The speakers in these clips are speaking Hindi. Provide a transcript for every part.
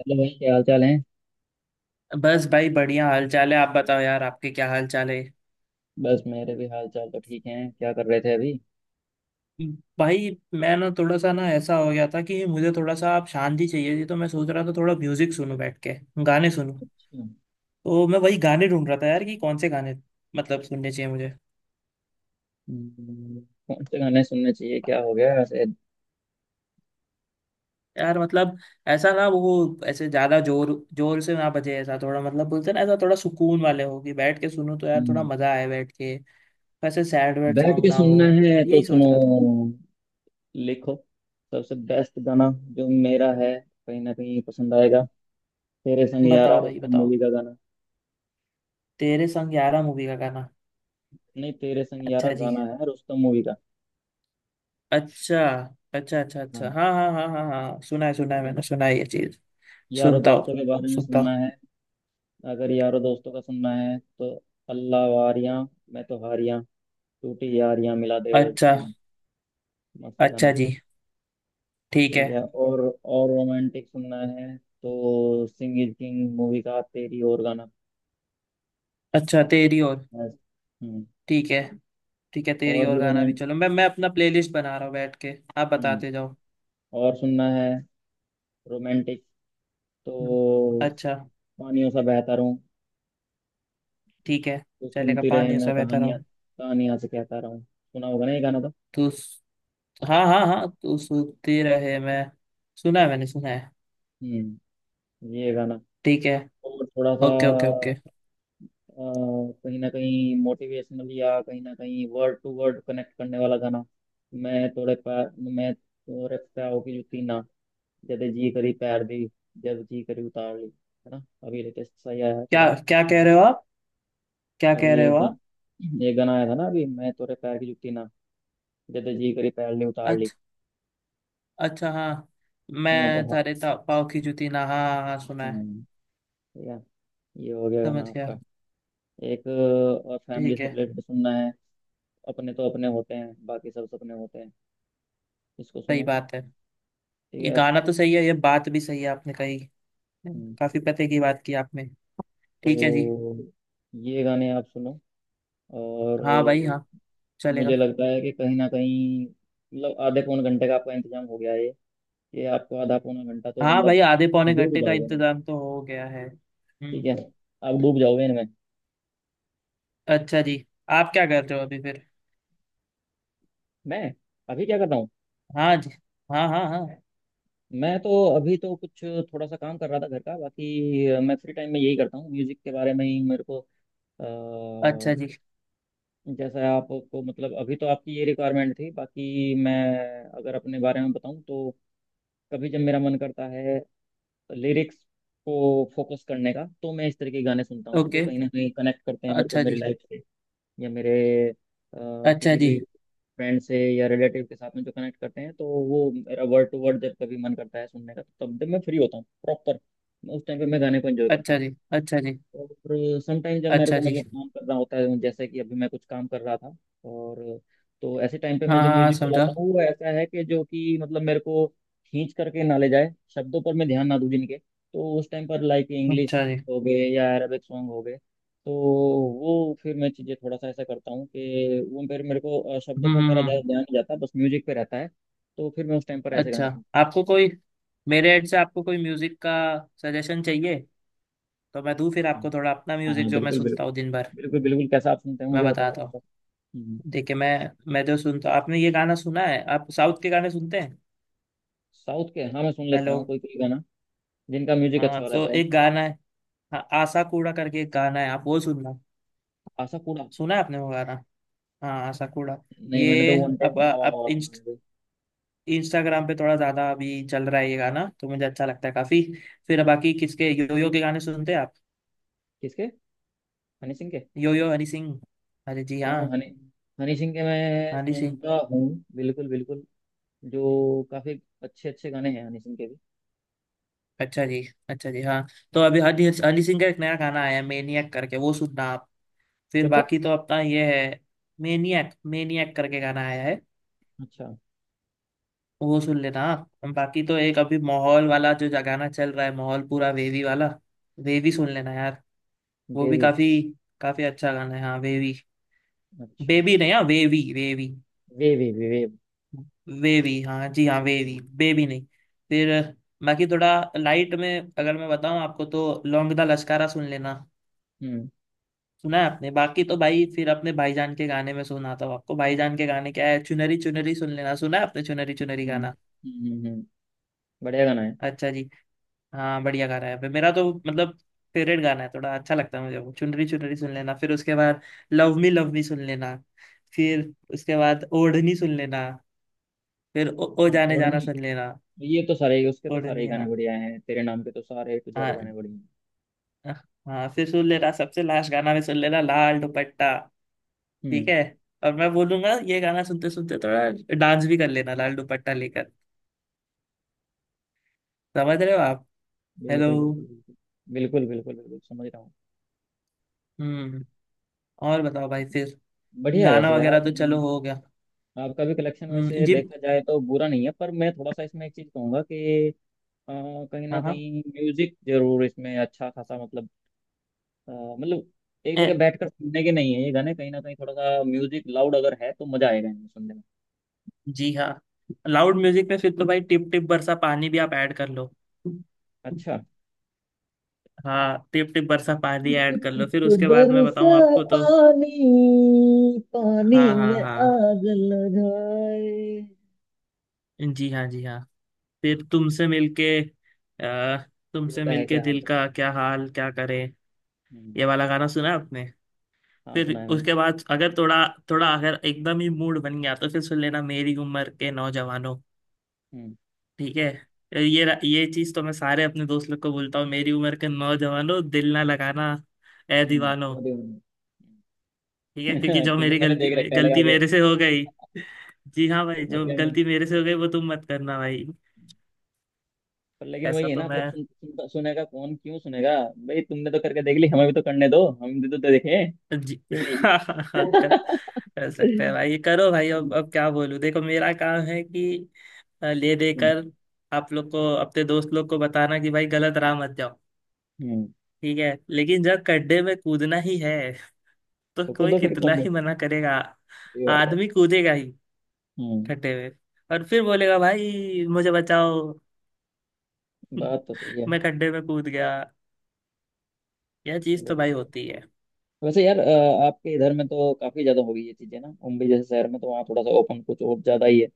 हेलो भाई, क्या हाल चाल है। बस भाई बढ़िया हाल चाल है। आप बताओ यार आपके क्या हाल चाल है। बस मेरे भी हाल चाल तो ठीक हैं। क्या कर रहे थे अभी? भाई मैं ना थोड़ा सा ना ऐसा हो गया था कि मुझे थोड़ा सा आप शांति चाहिए थी, तो मैं सोच रहा था थोड़ा म्यूजिक सुनूं बैठ के गाने सुनूं। अच्छा। तो मैं वही गाने ढूंढ रहा था यार कि कौन से गाने मतलब सुनने चाहिए मुझे। हम्म, कौन से गाने सुनने चाहिए, क्या हो गया ऐसे? यार मतलब ऐसा ना वो ऐसे ज्यादा जोर जोर से ना बजे, ऐसा थोड़ा मतलब बोलते हैं ना, ऐसा थोड़ा सुकून वाले हो कि बैठ के सुनूं तो यार थोड़ा हम्म, मजा आए बैठ के। वैसे सैड वैड बैठ सॉन्ग के ना सुनना हो। है तो यही सोच सुनो। रहा था। लिखो सबसे बेस्ट गाना जो मेरा है, कहीं ना कहीं पसंद आएगा। तेरे संग यारा, बताओ भाई रुस्तम बताओ। मूवी का गाना। तेरे संग यारा मूवी का गाना? नहीं, तेरे संग अच्छा यारा जी। गाना है, रुस्तम मूवी का। अच्छा अच्छा अच्छा अच्छा, हाँ, हाँ हाँ हाँ हाँ हाँ, सुना है सुना है, ठीक है। मैंने सुना है ये चीज। यारो सुनता दोस्तों हूँ, के बारे में सुनता हूँ। सुनना है? अगर यारो दोस्तों का सुनना है तो अल्लाह वारियां, मैं तो हारियां, टूटी यारियां मिला दे ओए। अच्छा। मस्त अच्छा गाना। जी, ठीक है। ठीक है, और रोमांटिक सुनना है तो सिंग इज किंग मूवी का तेरी और गाना। अच्छा, तेरी और। मस्त। हम्म। ठीक है, ठीक है, तेरी और और भी गाना भी रोमांट चलो, मैं अपना प्लेलिस्ट बना रहा हूँ बैठ के। आप हम्म, बताते जाओ। और सुनना है रोमांटिक तो हम्म, अच्छा। पानियों सा बहता रहूं ठीक है, तो चलेगा। सुनती रहे पानी मैं, सा बहता कहानियां रहो कहानियां से कहता रहूं। सुना होगा ना ये गाना तो? तू, हाँ हाँ हाँ, तू सुनती रहे मैं, सुना है, मैंने सुना है। हम्म, ये गाना। ठीक है। और थोड़ा सा ओके ओके ओके। कहीं ना कहीं मोटिवेशनल या कहीं ना कहीं वर्ड टू वर्ड कनेक्ट करने वाला गाना। मैं तोड़े पा मैं तोड़े पाँव की जूती ना, जब जी करी पैर दी, जब जी करी उतार ली। है ना? अभी लेटेस्ट सही आया है क्या थोड़ा, कुछ क्या कह नहीं। रहे हो आप? क्या कह अभी रहे एक हो आप? गाना, आया था ना अभी, मैं तेरे पैर की जुत्ती ना, जब जी करी पैर ली उतार ली। अच्छा, अच्छा हाँ, है ना? तो मैं हाँ, तारे पाव की जूती ना, हाँ हाँ हाँ, सुना है। हम्म, ठीक है, ये हो गया गाना समझ गया। आपका। एक और फैमिली ठीक से है। रिलेटेड सुनना है। अपने तो अपने होते हैं, बाकी सब सपने होते हैं। इसको सही सुनो। बात है। ठीक ये है। गाना तो सही है, ये बात भी सही है आपने कही। हम्म, काफी पते की बात की आपने। ठीक है जी। तो ये गाने आप सुनो और हाँ भाई हाँ, चलेगा। मुझे लगता है कि कहीं ना कहीं मतलब आधे पौन घंटे का आपका इंतजाम हो गया है ये। ये आपको आधा पौना घंटा तो हाँ मतलब भाई आधे पौने डूब घंटे का जाओगे ना। इंतजाम तो हो गया है, ठीक हम्म। है, आप डूब जाओगे इनमें। अच्छा जी। आप क्या कर रहे हो अभी फिर? मैं अभी क्या कर रहा हूँ? हाँ जी, हाँ हाँ हाँ। मैं तो अभी तो कुछ थोड़ा सा काम कर रहा था घर का, बाकी मैं फ्री टाइम में यही करता हूँ, म्यूजिक के बारे में ही मेरे को अ, अच्छा जी। जैसा आपको मतलब अभी तो आपकी ये रिक्वायरमेंट थी, बाकी मैं अगर अपने बारे में बताऊँ तो कभी जब मेरा मन करता है लिरिक्स को फोकस करने का तो मैं इस तरह के गाने सुनता हूँ जो ओके। कहीं ना कहीं कनेक्ट करते हैं मेरे को अच्छा मेरी जी। लाइफ से या मेरे अ, अच्छा किसी जी। भी फ्रेंड से या रिलेटिव के साथ में जो कनेक्ट करते हैं, तो वो मेरा वर्ड टू वर्ड जब कभी मन करता है सुनने का, तो तब जब मैं फ्री होता हूँ प्रॉपर उस टाइम पे मैं गाने को एंजॉय करता अच्छा हूँ। जी। अच्छा जी। और समटाइम जब मेरे अच्छा को जी। मतलब काम करना होता है, जैसे कि अभी मैं कुछ काम कर रहा था, और तो ऐसे टाइम पे हाँ मैं जो हाँ हाँ, म्यूजिक समझा। चलाता हूँ वो ऐसा है कि जो कि मतलब मेरे को खींच करके ना ले जाए, शब्दों पर मैं ध्यान ना दूं जिनके, तो उस टाइम पर लाइक इंग्लिश अच्छा जी। हो गए या अरेबिक सॉन्ग हो गए, तो वो फिर मैं चीज़ें थोड़ा सा ऐसा करता हूँ कि वो फिर मेरे को शब्दों पर मेरा ज़्यादा हम्म। ध्यान नहीं जाता, बस म्यूजिक पे रहता है। तो फिर मैं उस टाइम पर ऐसे अच्छा। गाने सुनता आपको कोई, मेरे एड से आपको कोई म्यूजिक का सजेशन चाहिए तो मैं दूं फिर हूँ। आपको थोड़ा अपना हाँ हाँ म्यूजिक हाँ, जो मैं बिल्कुल सुनता बिल्कुल। हूँ दिन भर। बिल्कुल बिल्कुल कैसा आप सुनते हैं, मैं मुझे बताओ। बताता हूँ। हम्म, देखिए मैं जो सुनता हूँ, आपने ये गाना सुना है, आप साउथ के गाने सुनते हैं? साउथ के, हाँ मैं सुन लेता हेलो। हूँ कोई कोई गाना जिनका म्यूजिक हाँ, अच्छा तो रहता है। एक गाना है, हाँ आशा कूड़ा करके एक गाना है, आप वो सुनना, आशा पूरा? सुना है आपने वो गाना? हाँ आशा कूड़ा। नहीं, मैंने ये तो वन अब टाइम मावा अब मावा सुना है भाई। इंस्टाग्राम पे थोड़ा ज्यादा अभी चल रहा है ये गाना, तो मुझे अच्छा लगता है काफी। फिर बाकी किसके, योयो के गाने सुनते हैं आप? किसके? हनी सिंह के? योयो हनी सिंह। अरे जी हाँ हाँ, हनी, हनी सिंह के मैं हनी सिंह। सुनता हूँ, बिल्कुल बिल्कुल। जो काफी अच्छे अच्छे गाने हैं हनी सिंह के भी। अच्छा जी। अच्छा जी हाँ, तो अभी हनी हनी सिंह का एक नया गाना आया है मेनियक करके, वो सुनना आप। फिर कौन सा? बाकी तो अपना ये है। मेनियक मेनियक करके गाना आया है। अच्छा। वो सुन लेना आप, बाकी तो एक अभी माहौल वाला जो गाना चल रहा है, माहौल पूरा वेवी वाला। वेवी सुन लेना यार। वो भी बेबी? काफी काफी अच्छा गाना है, हाँ वेवी। अच्छा। बेबी नहीं, हाँ वेवी वेवी। वे वे वे वे। वेवी, हाँ जी, हाँ वेवी, हम्म बेबी नहीं। फिर बाकी थोड़ा लाइट में अगर मैं बताऊं आपको, तो लौंग दा लश्कारा सुन लेना। हम्म सुना है आपने, बाकी तो भाई फिर अपने भाईजान के गाने में सुनाता हूँ आपको, भाईजान के गाने क्या है, चुनरी चुनरी सुन लेना, सुना है आपने चुनरी चुनरी हम्म। गाना? हम्म, हम्म, बढ़िया गाना है। अच्छा जी। हाँ बढ़िया गाना है, मेरा तो मतलब फेवरेट गाना है, थोड़ा अच्छा लगता है मुझे वो चुनरी चुनरी सुन लेना, फिर उसके बाद लव मी सुन लेना, फिर उसके बाद ओढ़नी सुन लेना, फिर ओ हाँ जाने जाना ओढ़नी, सुन लेना। ये तो सारे ही, उसके तो सारे ओढ़नी ही गाने हाँ, बढ़िया हैं, तेरे नाम के तो सारे टू जेड हाँ गाने बढ़िया हैं। हाँ हाँ, फिर सुन लेना सबसे लास्ट गाना में सुन लेना लाल दुपट्टा। ठीक हम्म। है, और मैं बोलूंगा ये गाना सुनते सुनते थोड़ा डांस भी कर लेना लाल दुपट्टा लेकर। समझ रहे हो आप? हेलो। बिल्कुल बिल्कुल। बिल्कुल बिल्कुल बिल्कुल बिल्कुल समझ रहा हूँ। हम्म। और बताओ भाई फिर, बढ़िया है गाना वैसे यार। वगैरह तो चलो हो गया। आपका भी कलेक्शन वैसे जी, देखा जाए तो बुरा नहीं है, पर मैं थोड़ा सा इसमें एक चीज़ कहूँगा कि अ, कहीं ना हाँ हाँ। कहीं म्यूजिक जरूर इसमें अच्छा खासा मतलब अ, मतलब एक ए, जगह बैठकर सुनने के नहीं है ये गाने, कहीं ना कहीं थोड़ा सा म्यूजिक लाउड अगर है तो मजा आएगा इनमें सुनने में। जी हाँ, लाउड म्यूजिक में फिर तो भाई टिप टिप बरसा पानी भी आप ऐड कर लो। अच्छा। हाँ टिप टिप बरसा पानी ऐड कर लो, फिर उसके बाद मैं बरसा बताऊं आपको तो, पानी, पानी हाँ हाँ में हाँ, आग लगाए। जी हाँ जी हाँ। फिर दिल तुमसे का है मिलके क्या हाल दिल तेरा। का क्या हाल क्या करे, हम्म, ये वाला गाना सुना आपने? हाँ फिर सुना है मैंने। उसके बाद अगर थोड़ा, थोड़ा अगर एकदम ही मूड बन गया, तो फिर सुन लेना मेरी उम्र के नौजवानों। हम्म। ठीक है। ये चीज तो मैं सारे अपने दोस्त लोग को बोलता हूँ, मेरी उम्र के नौजवानों दिल ना लगाना ए दीवानों। वो भी होना ठीक है, है। क्योंकि जो क्योंकि मेरी मैंने गलती देख रखा है लगा गलती के, मेरे से हो गई। जी हाँ भाई, तुम मत जो करना। गलती मेरे से हो गई वो तुम मत करना भाई। पर लेकिन वही ऐसा है तो ना मैं, फिर सुन, सुन, सुनेगा कौन, क्यों सुनेगा? भाई तुमने तो करके देख ली, हमें भी तो करने दो, हम भी तो देखें। जी क्यों नहीं? हाँ हाँ हाँ, कर सकते हैं भाई, ये करो भाई, अब क्या बोलूं, देखो मेरा काम है कि ले हम्म। देकर आप लोग को, अपने दोस्त लोग को बताना कि भाई गलत राह मत जाओ। हम्म, ठीक है, लेकिन जब गड्ढे में कूदना ही है तो तो खुद कोई दो फिर कितना कौन बोल ही सकता मना करेगा, है? ये बात है। आदमी कूदेगा ही हम्म। गड्ढे में, और फिर बोलेगा भाई मुझे बचाओ। बात तो सही है। मैं गड्ढे में कूद गया। यह चीज तो भाई बिल्कुल। होती है। वैसे यार आपके इधर में तो काफी ज्यादा हो गई ये चीजें ना, मुंबई जैसे शहर में तो वहाँ थोड़ा सा ओपन कुछ और ज्यादा ही है,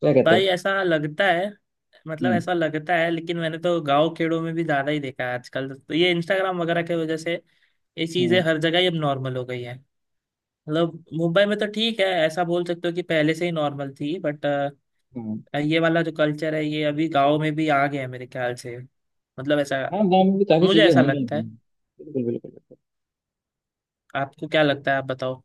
क्या कहते भाई हो? ऐसा लगता है, मतलब हम्म ऐसा लगता है, लेकिन मैंने तो गांव खेड़ों में भी ज्यादा ही देखा है, आजकल तो ये इंस्टाग्राम वगैरह की वजह से ये चीजें हम्म हर जगह ही अब नॉर्मल हो गई है। मतलब मुंबई में तो ठीक है, ऐसा बोल सकते हो कि पहले से ही नॉर्मल थी, बट हम्म। ये वाला जो कल्चर है ये अभी गांव में भी आ गया है मेरे ख्याल से, मतलब ऐसा हाँ गाँव में भी काफी मुझे चीजें ऐसा होंगी, लगता है। बिल्कुल बिल्कुल। आपको क्या लगता है, आप बताओ।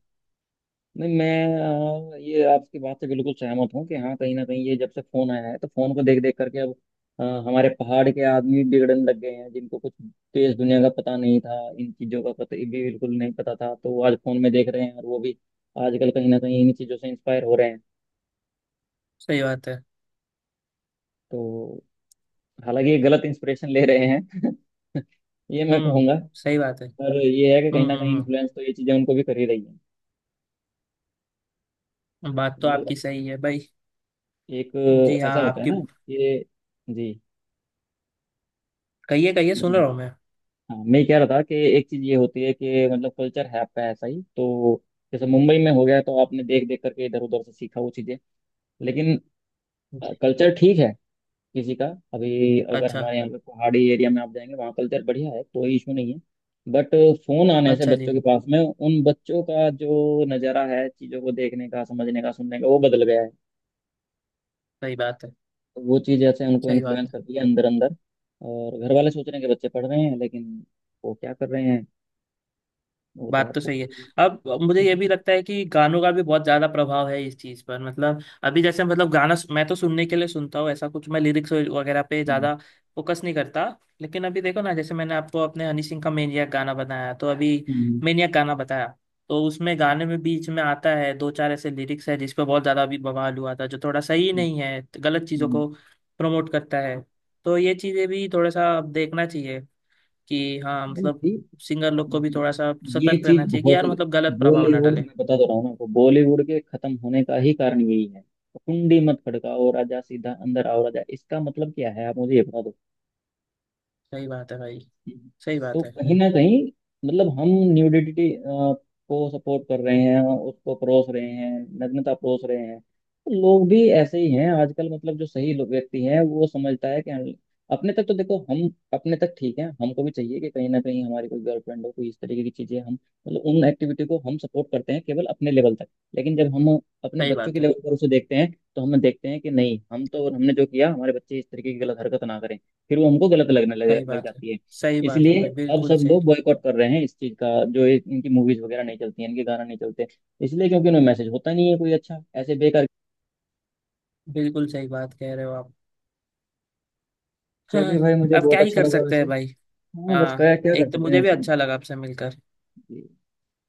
नहीं मैं ये आपकी बात से बिल्कुल सहमत हूँ कि हाँ कहीं ना कहीं ये जब से फोन आया है तो फोन को देख देख करके अब हमारे पहाड़ के आदमी बिगड़ने लग गए हैं, जिनको कुछ देश दुनिया का पता नहीं था, इन चीज़ों का पता भी बिल्कुल नहीं पता था, तो वो आज फोन में देख रहे हैं और वो भी आजकल कहीं ना कहीं इन चीज़ों से इंस्पायर हो रहे हैं। सही बात है। तो हालांकि ये गलत इंस्पिरेशन ले रहे हैं ये मैं हम्म, कहूँगा। सही बात है। पर ये है कि कहीं हम्म ना कहीं हम्म इन्फ्लुएंस तो ये चीज़ें उनको भी कर ही रही है। हम्म, बात तो आपकी मतलब सही है भाई। एक जी हाँ, ऐसा होता है आपकी। ना कि जी। कहिए कहिए, सुन रहा हूँ मैं। हाँ मैं कह रहा था कि एक चीज ये होती है कि मतलब कल्चर है आपका ऐसा ही, तो जैसे मुंबई में हो गया तो आपने देख देख करके इधर उधर से सीखा वो चीजें। लेकिन कल्चर ठीक है किसी का, अभी अगर अच्छा। हमारे यहाँ पे पहाड़ी एरिया में आप जाएंगे वहाँ कल्चर बढ़िया है, कोई इशू नहीं है। बट फोन आने से अच्छा बच्चों जी। के पास में उन बच्चों का जो नज़ारा है चीज़ों को देखने का, समझने का, सुनने का वो बदल गया है। सही बात है। तो वो चीज़ ऐसे उनको सही बात इन्फ्लुएंस है। करती है अंदर अंदर। और घर वाले सोच रहे हैं कि बच्चे पढ़ रहे हैं, लेकिन वो क्या कर रहे हैं वो तो बात तो आपको सही पता है। ही अब मुझे ये है। भी लगता है कि गानों का भी बहुत ज्यादा प्रभाव है इस चीज पर, मतलब अभी जैसे, मतलब गाना मैं तो सुनने के लिए सुनता हूँ, ऐसा कुछ मैं लिरिक्स वगैरह पे हम्म, ज्यादा फोकस नहीं करता, लेकिन अभी देखो ना, जैसे मैंने आपको अपने हनी सिंह का मेनियक गाना बताया, तो अभी हम्म, मेनियक गाना बताया, तो उसमें गाने में बीच में आता है, दो चार ऐसे लिरिक्स है जिस पर बहुत ज्यादा अभी बवाल हुआ था, जो थोड़ा सही हम्म, नहीं है, गलत चीजों हम्म। को प्रमोट करता है। तो ये चीजें भी थोड़ा सा अब देखना चाहिए कि हाँ मतलब मतलब, सिंगर लोग को भी ये थोड़ा सा ये सतर्क रहना चीज चाहिए कि बहुत, यार मतलब गलत प्रभाव ना बॉलीवुड, डाले। मैं बता तो रहा हूँ ना आपको, बॉलीवुड के खत्म होने का ही कारण यही है। कुंडी मत खड़काओ राजा, सीधा अंदर आओ राजा, इसका मतलब क्या है आप मुझे ये बता। सही बात है भाई। सही तो बात है। कहीं ना कहीं मतलब हम न्यूडिटी को सपोर्ट कर रहे हैं, उसको परोस रहे हैं, नग्नता परोस रहे हैं, तो लोग भी ऐसे ही हैं आजकल। मतलब जो सही लोग व्यक्ति हैं वो समझता है कि हम- अपने तक तो देखो हम, अपने तक ठीक है, हमको भी चाहिए कि कहीं ना कहीं हमारी कोई गर्लफ्रेंड हो, कोई इस तरीके की चीजें, हम मतलब उन एक्टिविटी को हम सपोर्ट करते हैं केवल अपने लेवल तक। लेकिन जब हम अपने सही बच्चों के बात है। लेवल पर उसे देखते हैं तो हम देखते हैं कि नहीं, हम तो, हमने जो किया हमारे बच्चे इस तरीके की गलत हरकत ना करें, फिर वो हमको गलत लगने लग, सही लग बात है। जाती है। सही बात है इसलिए भाई, अब बिल्कुल सब सही। लोग बॉयकॉट कर रहे हैं इस चीज का, जो ये- इनकी मूवीज वगैरह नहीं चलती हैं, इनके गाना नहीं चलते, इसलिए क्योंकि उनमें मैसेज होता नहीं है कोई अच्छा, ऐसे बेकार। बिल्कुल सही बात कह रहे हो आप। हाँ, चलिए भाई, मुझे अब क्या बहुत ही अच्छा कर लगा सकते वैसे। हैं भाई। हाँ बस हाँ, क्या क्या कर एक तो सकते मुझे हैं भी सब। अच्छा लगा आपसे मिलकर। जी,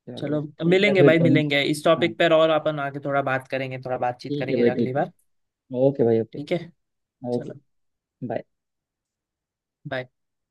चलिए चलो ठीक है मिलेंगे फिर भाई, कभी। मिलेंगे इस हाँ टॉपिक पर और अपन आगे थोड़ा बात करेंगे, थोड़ा बातचीत ठीक है करेंगे भाई, अगली ठीक है। बार। ओके भाई ओके। ठीक है। ओके। चलो बाय। bye।